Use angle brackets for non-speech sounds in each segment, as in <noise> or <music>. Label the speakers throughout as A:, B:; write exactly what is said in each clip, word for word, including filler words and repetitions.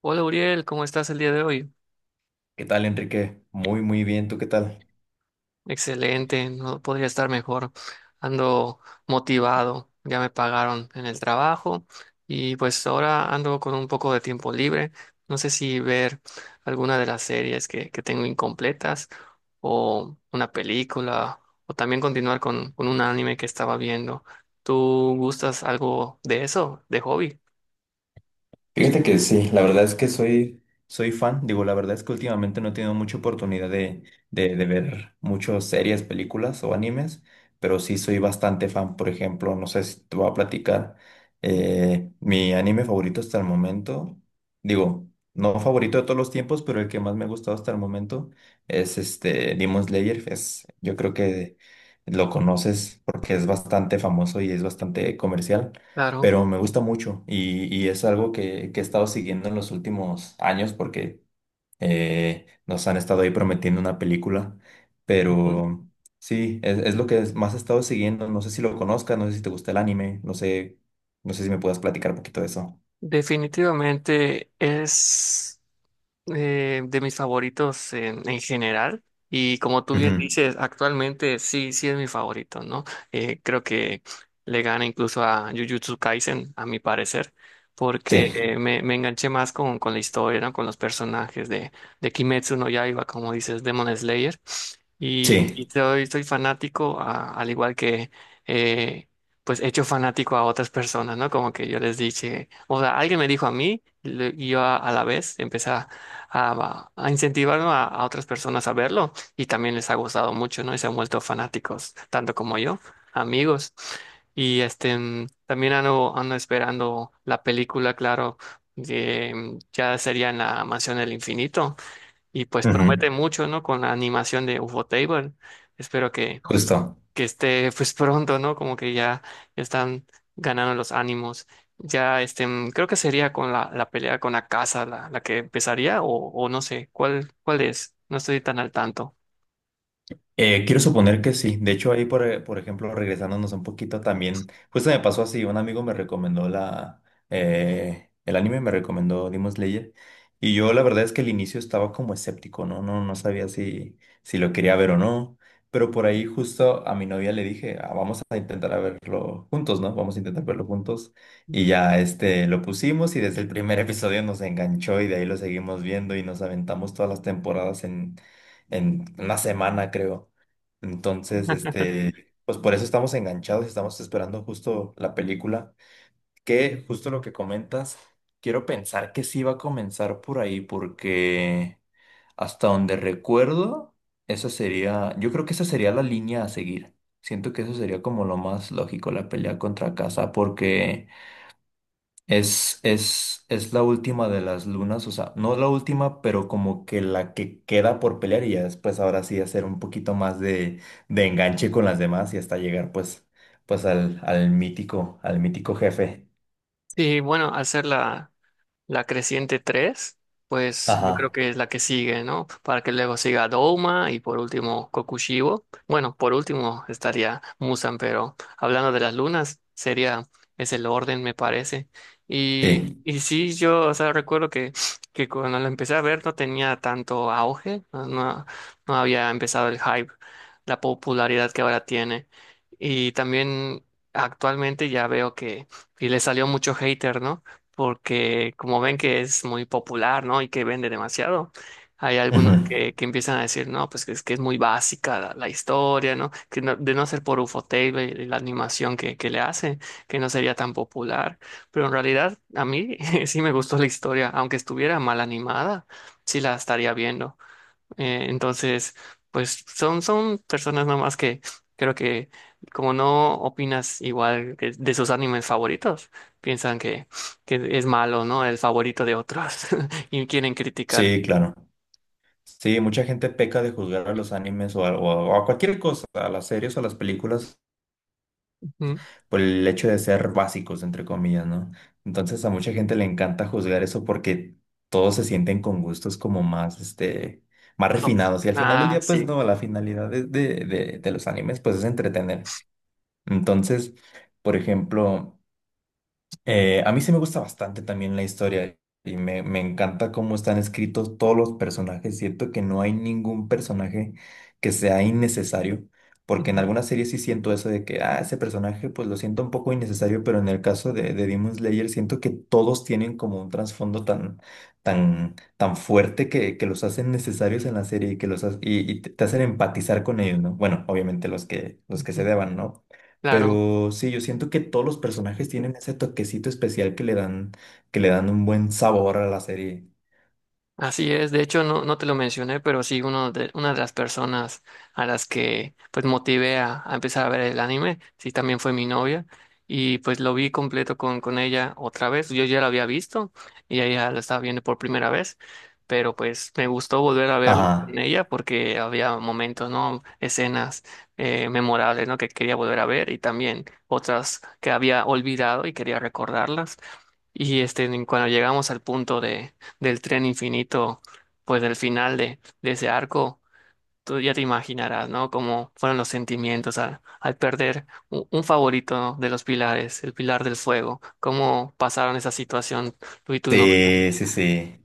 A: Hola Uriel, ¿cómo estás el día de hoy?
B: ¿Qué tal, Enrique? Muy, muy bien. ¿Tú qué tal?
A: Excelente, no podría estar mejor. Ando motivado, ya me pagaron en el trabajo y pues ahora ando con un poco de tiempo libre. No sé si ver alguna de las series que, que tengo incompletas o una película o también continuar con, con un anime que estaba viendo. ¿Tú gustas algo de eso, de hobby?
B: Fíjate que sí, la verdad es que soy, Soy fan. Digo, la verdad es que últimamente no he tenido mucha oportunidad de, de, de ver muchas series, películas o animes, pero sí soy bastante fan. Por ejemplo, no sé si te voy a platicar. Eh, mi anime favorito hasta el momento, digo, no favorito de todos los tiempos, pero el que más me ha gustado hasta el momento es este Demon Slayer. Es, yo creo que lo conoces porque es bastante famoso y es bastante comercial.
A: Claro.
B: Pero me gusta mucho y, y es algo que, que he estado siguiendo en los últimos años porque eh, nos han estado ahí prometiendo una película,
A: Ujú.
B: pero sí, es, es lo que es- más he estado siguiendo. No sé si lo conozcas, no sé si te gusta el anime, no sé, no sé si me puedas platicar un poquito de eso.
A: Definitivamente es... eh, de mis favoritos en, en general. Y como tú bien
B: Ujú.
A: dices, actualmente sí, sí es mi favorito, ¿no? Eh, creo que le gana incluso a Jujutsu Kaisen, a mi parecer, porque
B: Sí,
A: eh, me, me enganché más con, con la historia, ¿no? Con los personajes de, de Kimetsu no Yaiba, como dices, Demon Slayer. Y,
B: sí,
A: y soy, soy fanático, a- al igual que, eh, pues, hecho fanático a otras personas, ¿no? Como que yo les dije, o sea, alguien me dijo a mí y le- y yo a, a la vez empecé a a, a incentivar, ¿no?, a, a otras personas a verlo y también les ha gustado mucho, ¿no? Y se han vuelto fanáticos, tanto como yo, amigos. Y este, mm, también ando, ando esperando la película, claro, de, mm, ya sería en la Mansión del Infinito y pues
B: ujú.
A: promete mucho, ¿no? Con la animación de U F O Table. Espero que,
B: Justo.
A: que esté pues pronto, ¿no? Como que ya están ganando los ánimos. Ya, este, mm, creo que sería con la, la pelea con Akasa la, la que empezaría, o, o no sé, ¿cuál, cuál es? No estoy tan al tanto.
B: Eh, quiero suponer que sí. De hecho, ahí, por, e- por ejemplo, regresándonos un poquito también, justo me pasó así, un amigo me recomendó la, eh, el anime, me recomendó Demon Slayer, y yo la verdad es que al inicio estaba como escéptico, ¿no? No, no sabía si si lo quería ver o no, pero por ahí justo a mi novia le dije, "Ah, vamos a intentar a verlo juntos, ¿no? Vamos a intentar verlo juntos", y ya este, lo pusimos y desde el primer episodio nos enganchó y de ahí lo seguimos viendo y nos aventamos todas las temporadas en, en una semana, creo. Entonces,
A: <laughs>
B: este, pues por eso estamos enganchados, estamos esperando justo la película, que justo lo que comentas, quiero pensar que sí va a comenzar por ahí, porque hasta donde recuerdo, esa sería, yo creo que esa sería la línea a seguir. Siento que eso sería como lo más lógico, la pelea contra casa, porque es, es, es la última de las lunas, o sea, no la última, pero como que la que queda por pelear y ya después ahora sí hacer un poquito más de, de enganche con las demás y hasta llegar pues, pues al, al mítico, al mítico jefe.
A: Sí, bueno, al ser la, la creciente tres pues yo creo
B: Ajá.
A: que es la que sigue, ¿no? Para que luego siga Douma y por último Kokushibo. Bueno, por último estaría Musan, pero hablando de las lunas, sería, es el orden, me parece. Y,
B: Sí.
A: y sí, yo, o sea, recuerdo que, que cuando lo empecé a ver no tenía tanto auge, no, no no había empezado el hype, la popularidad que ahora tiene. Y también actualmente ya veo que y le salió mucho hater, ¿no? Porque como ven que es muy popular, ¿no? Y que vende demasiado, hay
B: Ujú.
A: algunos que, que empiezan a decir, no, pues que es que es muy básica la, la historia, ¿no? Que no- De no ser por Ufotable y la animación que, que le hace, que no sería tan popular. Pero en realidad a mí <laughs> sí me gustó la historia, aunque estuviera mal animada, sí la estaría viendo. Eh, entonces, pues son, son personas nomás que creo que como no opinas igual que de sus animes favoritos, piensan que, que es malo, ¿no? El favorito de otros <laughs> y quieren criticar.
B: Sí, claro. Sí, mucha gente peca de juzgar a los animes o a, o a- o a cualquier cosa, a las series o a las películas
A: Ujú.
B: por el hecho de ser básicos, entre comillas, ¿no? Entonces a mucha gente le encanta juzgar eso porque todos se sienten con gustos como más, este, más
A: Oh,
B: refinados. Y al final del
A: ah,
B: día, pues
A: sí.
B: no, la finalidad de, de, de, de los animes, pues es entretener. Entonces, por ejemplo... Eh, a mí sí me gusta bastante también la historia y me, me encanta cómo están escritos todos los personajes. Siento que no hay ningún personaje que sea innecesario, porque en
A: Ujú,
B: algunas series sí siento eso de que, ah, ese personaje pues lo siento un poco innecesario, pero en el caso de, de Demon Slayer siento que todos tienen como un trasfondo tan, tan, tan fuerte que, que los hacen necesarios en la serie y que los ha- y, y te te hacen empatizar con ellos, ¿no? Bueno, obviamente los que, los que se
A: ujú.
B: deban, ¿no?
A: Claro.
B: Pero sí, yo siento que todos los personajes tienen ese toquecito especial que le dan, que le dan un buen sabor a la serie.
A: Así es, de hecho no, no te lo mencioné, pero sí uno de, una de las personas a las que pues motivé a, a empezar a ver el anime, sí también fue mi novia y pues lo vi completo con, con ella otra vez, yo ya lo había visto y ella lo estaba viendo por primera vez, pero pues me gustó volver a verlo con
B: Ajá.
A: ella porque había momentos, ¿no? Escenas eh, memorables, ¿no? Que quería volver a ver y también otras que había olvidado y quería recordarlas. Y este, cuando llegamos al punto de del tren infinito, pues del final de, de ese arco, tú ya te imaginarás, ¿no? Cómo fueron los sentimientos al, al perder u- un, favorito, ¿no?, de los pilares, el pilar del fuego, cómo pasaron esa situación tú y tu novio.
B: Sí, sí, sí.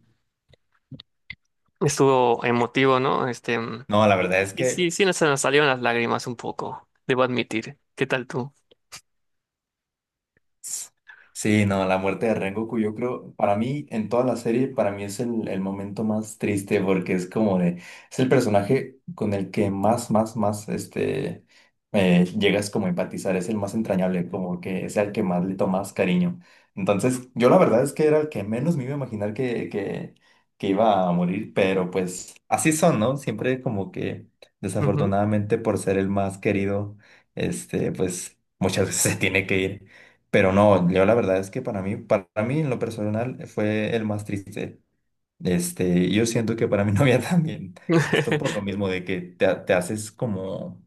A: Estuvo emotivo, ¿no? Este, mm,
B: No, la
A: y,
B: verdad es
A: y
B: que...
A: sí, sí nos, se nos salieron las lágrimas un poco, debo admitir. ¿Qué tal tú?
B: Sí, no, la muerte de Rengoku, yo creo, para mí, en toda la serie, para mí es el, el momento más triste porque es como de, es el personaje con el que más, más, más, este, eh, llegas como a empatizar, es el más entrañable, como que es el que más le tomas cariño. Entonces, yo la verdad es que era el que menos me iba a imaginar que, que, que iba a morir, pero pues así son, ¿no? Siempre como que,
A: Ujú.
B: desafortunadamente, por ser el más querido, este, pues muchas veces <laughs> se tiene que ir. Pero no, yo la verdad es que para mí, para mí en lo personal fue el más triste. Este, yo siento que para mi <laughs> novia también, justo por lo
A: <laughs>
B: mismo de que te, ha- te haces como,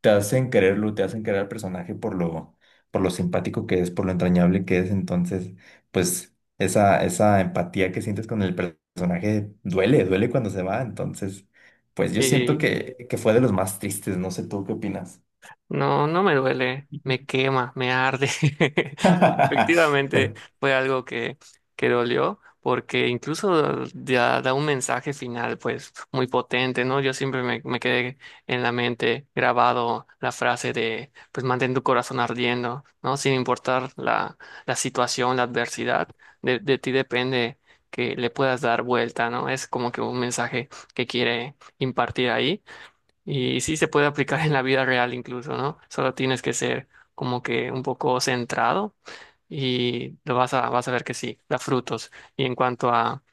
B: te hacen quererlo, te hacen querer al personaje por lo, por lo simpático que es, por lo entrañable que es. Entonces, pues esa, esa empatía que sientes con el per- personaje duele, duele cuando se va. Entonces, pues yo siento
A: Sí.
B: que, que fue de los más tristes. No sé tú qué opinas.
A: No, no me duele, me quema, me arde. <laughs> Efectivamente
B: <laughs>
A: fue algo que, que dolió porque incluso ya da un mensaje final pues muy potente, ¿no? Yo siempre me, me quedé en la mente grabado la frase de pues mantén tu corazón ardiendo, ¿no? Sin importar la, la situación, la adversidad, de, de ti depende que le puedas dar vuelta, ¿no? Es como que un mensaje que quiere impartir ahí. Y sí se puede aplicar en la vida real incluso, ¿no? Solo tienes que ser como que un poco centrado y lo vas a, vas a ver que sí, da frutos. Y en cuanto a,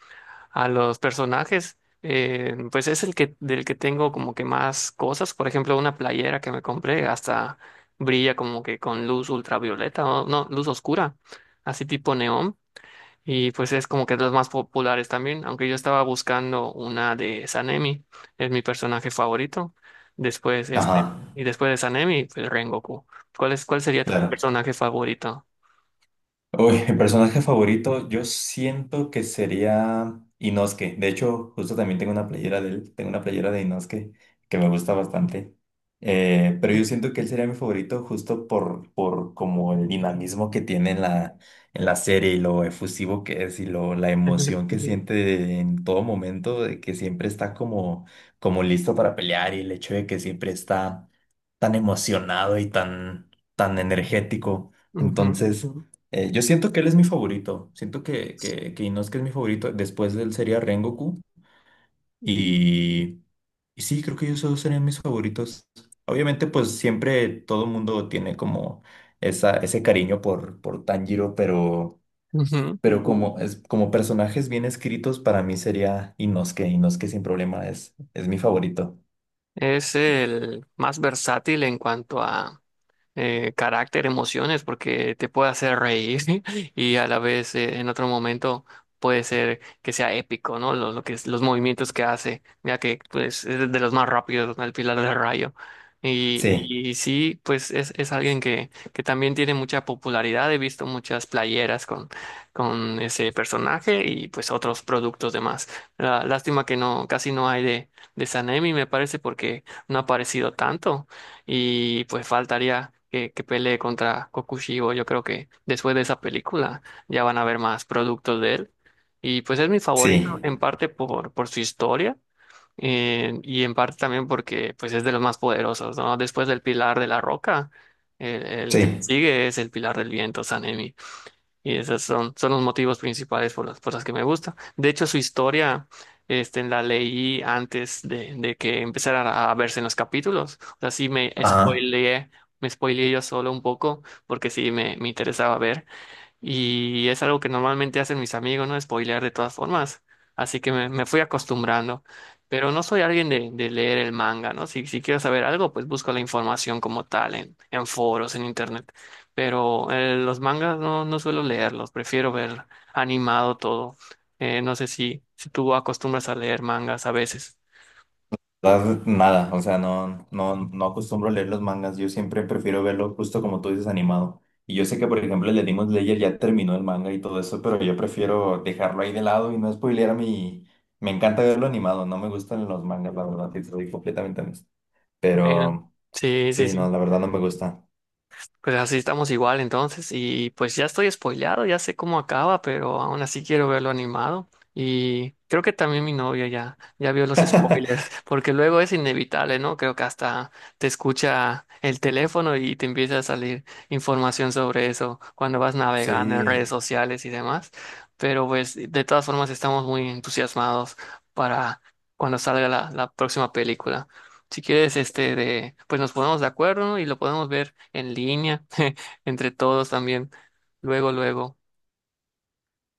A: a los personajes, eh, pues es el que, del que tengo como que más cosas. Por ejemplo, una playera que me compré hasta brilla como que con luz ultravioleta, o no, luz oscura, así tipo neón. Y pues es como que de los más populares también, aunque yo estaba buscando una de Sanemi, es mi personaje favorito. Después
B: Ajá,
A: este, y después de Sanemi, pues Rengoku. ¿Cuál es, cuál sería tu
B: claro.
A: personaje favorito?
B: Uy, mi personaje favorito, yo siento que sería Inosuke. De hecho, justo también tengo una playera de él, tengo una playera de Inosuke que me gusta bastante. Eh, pero yo siento que él sería mi favorito justo por, por como el dinamismo que tiene en la, en la serie y lo efusivo que es y lo, la emoción
A: <laughs>
B: que Ujú. Siente en todo momento, de que siempre está como, como listo para pelear y el hecho de que siempre está tan emocionado y tan, tan energético.
A: Ujú,
B: Entonces... Eh, yo siento que él es mi favorito. Siento que, que, que Inosuke es mi favorito. Después de él sería Rengoku. Y, y sí, creo que ellos dos serían mis favoritos. Obviamente, pues siempre todo mundo tiene como esa, ese cariño por, por Tanjiro, pero,
A: ujú, ujú.
B: pero como, es, como personajes bien escritos, para mí sería Inosuke. Inosuke sin problema es, es mi favorito.
A: Es el más versátil en cuanto a eh, carácter, emociones, porque te puede hacer reír <laughs> y a la vez eh, en otro momento puede ser que sea épico, ¿no? Lo, lo que es- los movimientos que hace, mira que pues es de los más rápidos, ¿no? El Pilar del Rayo.
B: Sí,
A: Y, y sí, pues es, es alguien que, que también tiene mucha popularidad. He visto muchas playeras con, con ese personaje y pues otros productos demás. La- lástima que no, casi no hay de, de Sanemi, me parece, porque no ha aparecido tanto. Y pues faltaría que, que pelee contra Kokushibo. Yo creo que después de esa película ya van a ver más productos de él. Y pues es mi favorito en
B: sí,
A: parte por, por su historia eh, y en parte también porque pues es de los más poderosos, ¿no? Después del Pilar de la Roca, el, el que
B: sí.
A: sigue es el Pilar del Viento, Sanemi. Y esos son, son los motivos principales por las, por las que me gusta. De hecho, su historia, este, la leí antes de, de que empezara a verse en los capítulos. O sea, sí me
B: Ajá.
A: spoileé, me spoileé yo solo un poco, porque sí me, me interesaba ver. Y es algo que normalmente hacen mis amigos, ¿no? Spoilear de todas formas. Así que me, me fui acostumbrando. Pero no soy alguien de, de leer el manga, ¿no? Si, si quiero saber algo, pues busco la información como tal en, en foros, en internet. Pero eh, los mangas no, no suelo leerlos, prefiero ver animado todo. Eh, no sé si, si tú acostumbras a leer mangas a veces.
B: Verdad, nada, o sea, no, no, no acostumbro a leer los mangas, yo siempre prefiero verlo justo como tú dices, animado. Y yo sé que, por ejemplo, el de Demon Slayer ya terminó el manga y todo eso, pero yo prefiero dejarlo ahí de lado y no spoilear a mí. Me encanta verlo animado, no me gustan los mangas, la verdad, sí, soy completamente honesto.
A: Bueno,
B: Pero
A: sí, sí,
B: sí, no,
A: sí.
B: la verdad no me gusta.
A: Pues así estamos igual entonces y pues ya estoy spoileado, ya sé cómo acaba, pero aún así quiero verlo animado y creo que también mi novia ya ya vio los spoilers, <laughs> porque luego es inevitable, ¿no? Creo que hasta te escucha el teléfono y te empieza a salir información sobre eso cuando vas navegando en redes
B: Sí,
A: sociales y demás, pero pues de todas formas estamos muy entusiasmados para cuando salga la, la próxima película. Si quieres, este de, pues nos ponemos de acuerdo y lo podemos ver en línea, <laughs> entre todos también. Luego, luego.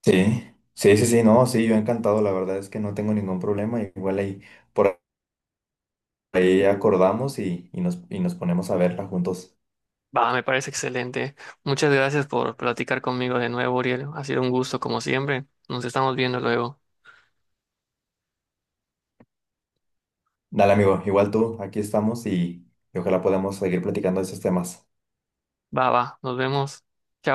B: sí, sí, sí, sí, no, sí, yo encantado, la verdad es que no tengo ningún problema, igual ahí por ahí acordamos y, y nos, y nos ponemos a verla juntos.
A: Va, me parece excelente. Muchas gracias por platicar conmigo de nuevo, Uriel. Ha sido un gusto, como siempre. Nos estamos viendo luego.
B: Dale, amigo, igual tú, aquí estamos y, y ojalá podamos seguir platicando de esos temas.
A: Va, va, nos vemos. Chao.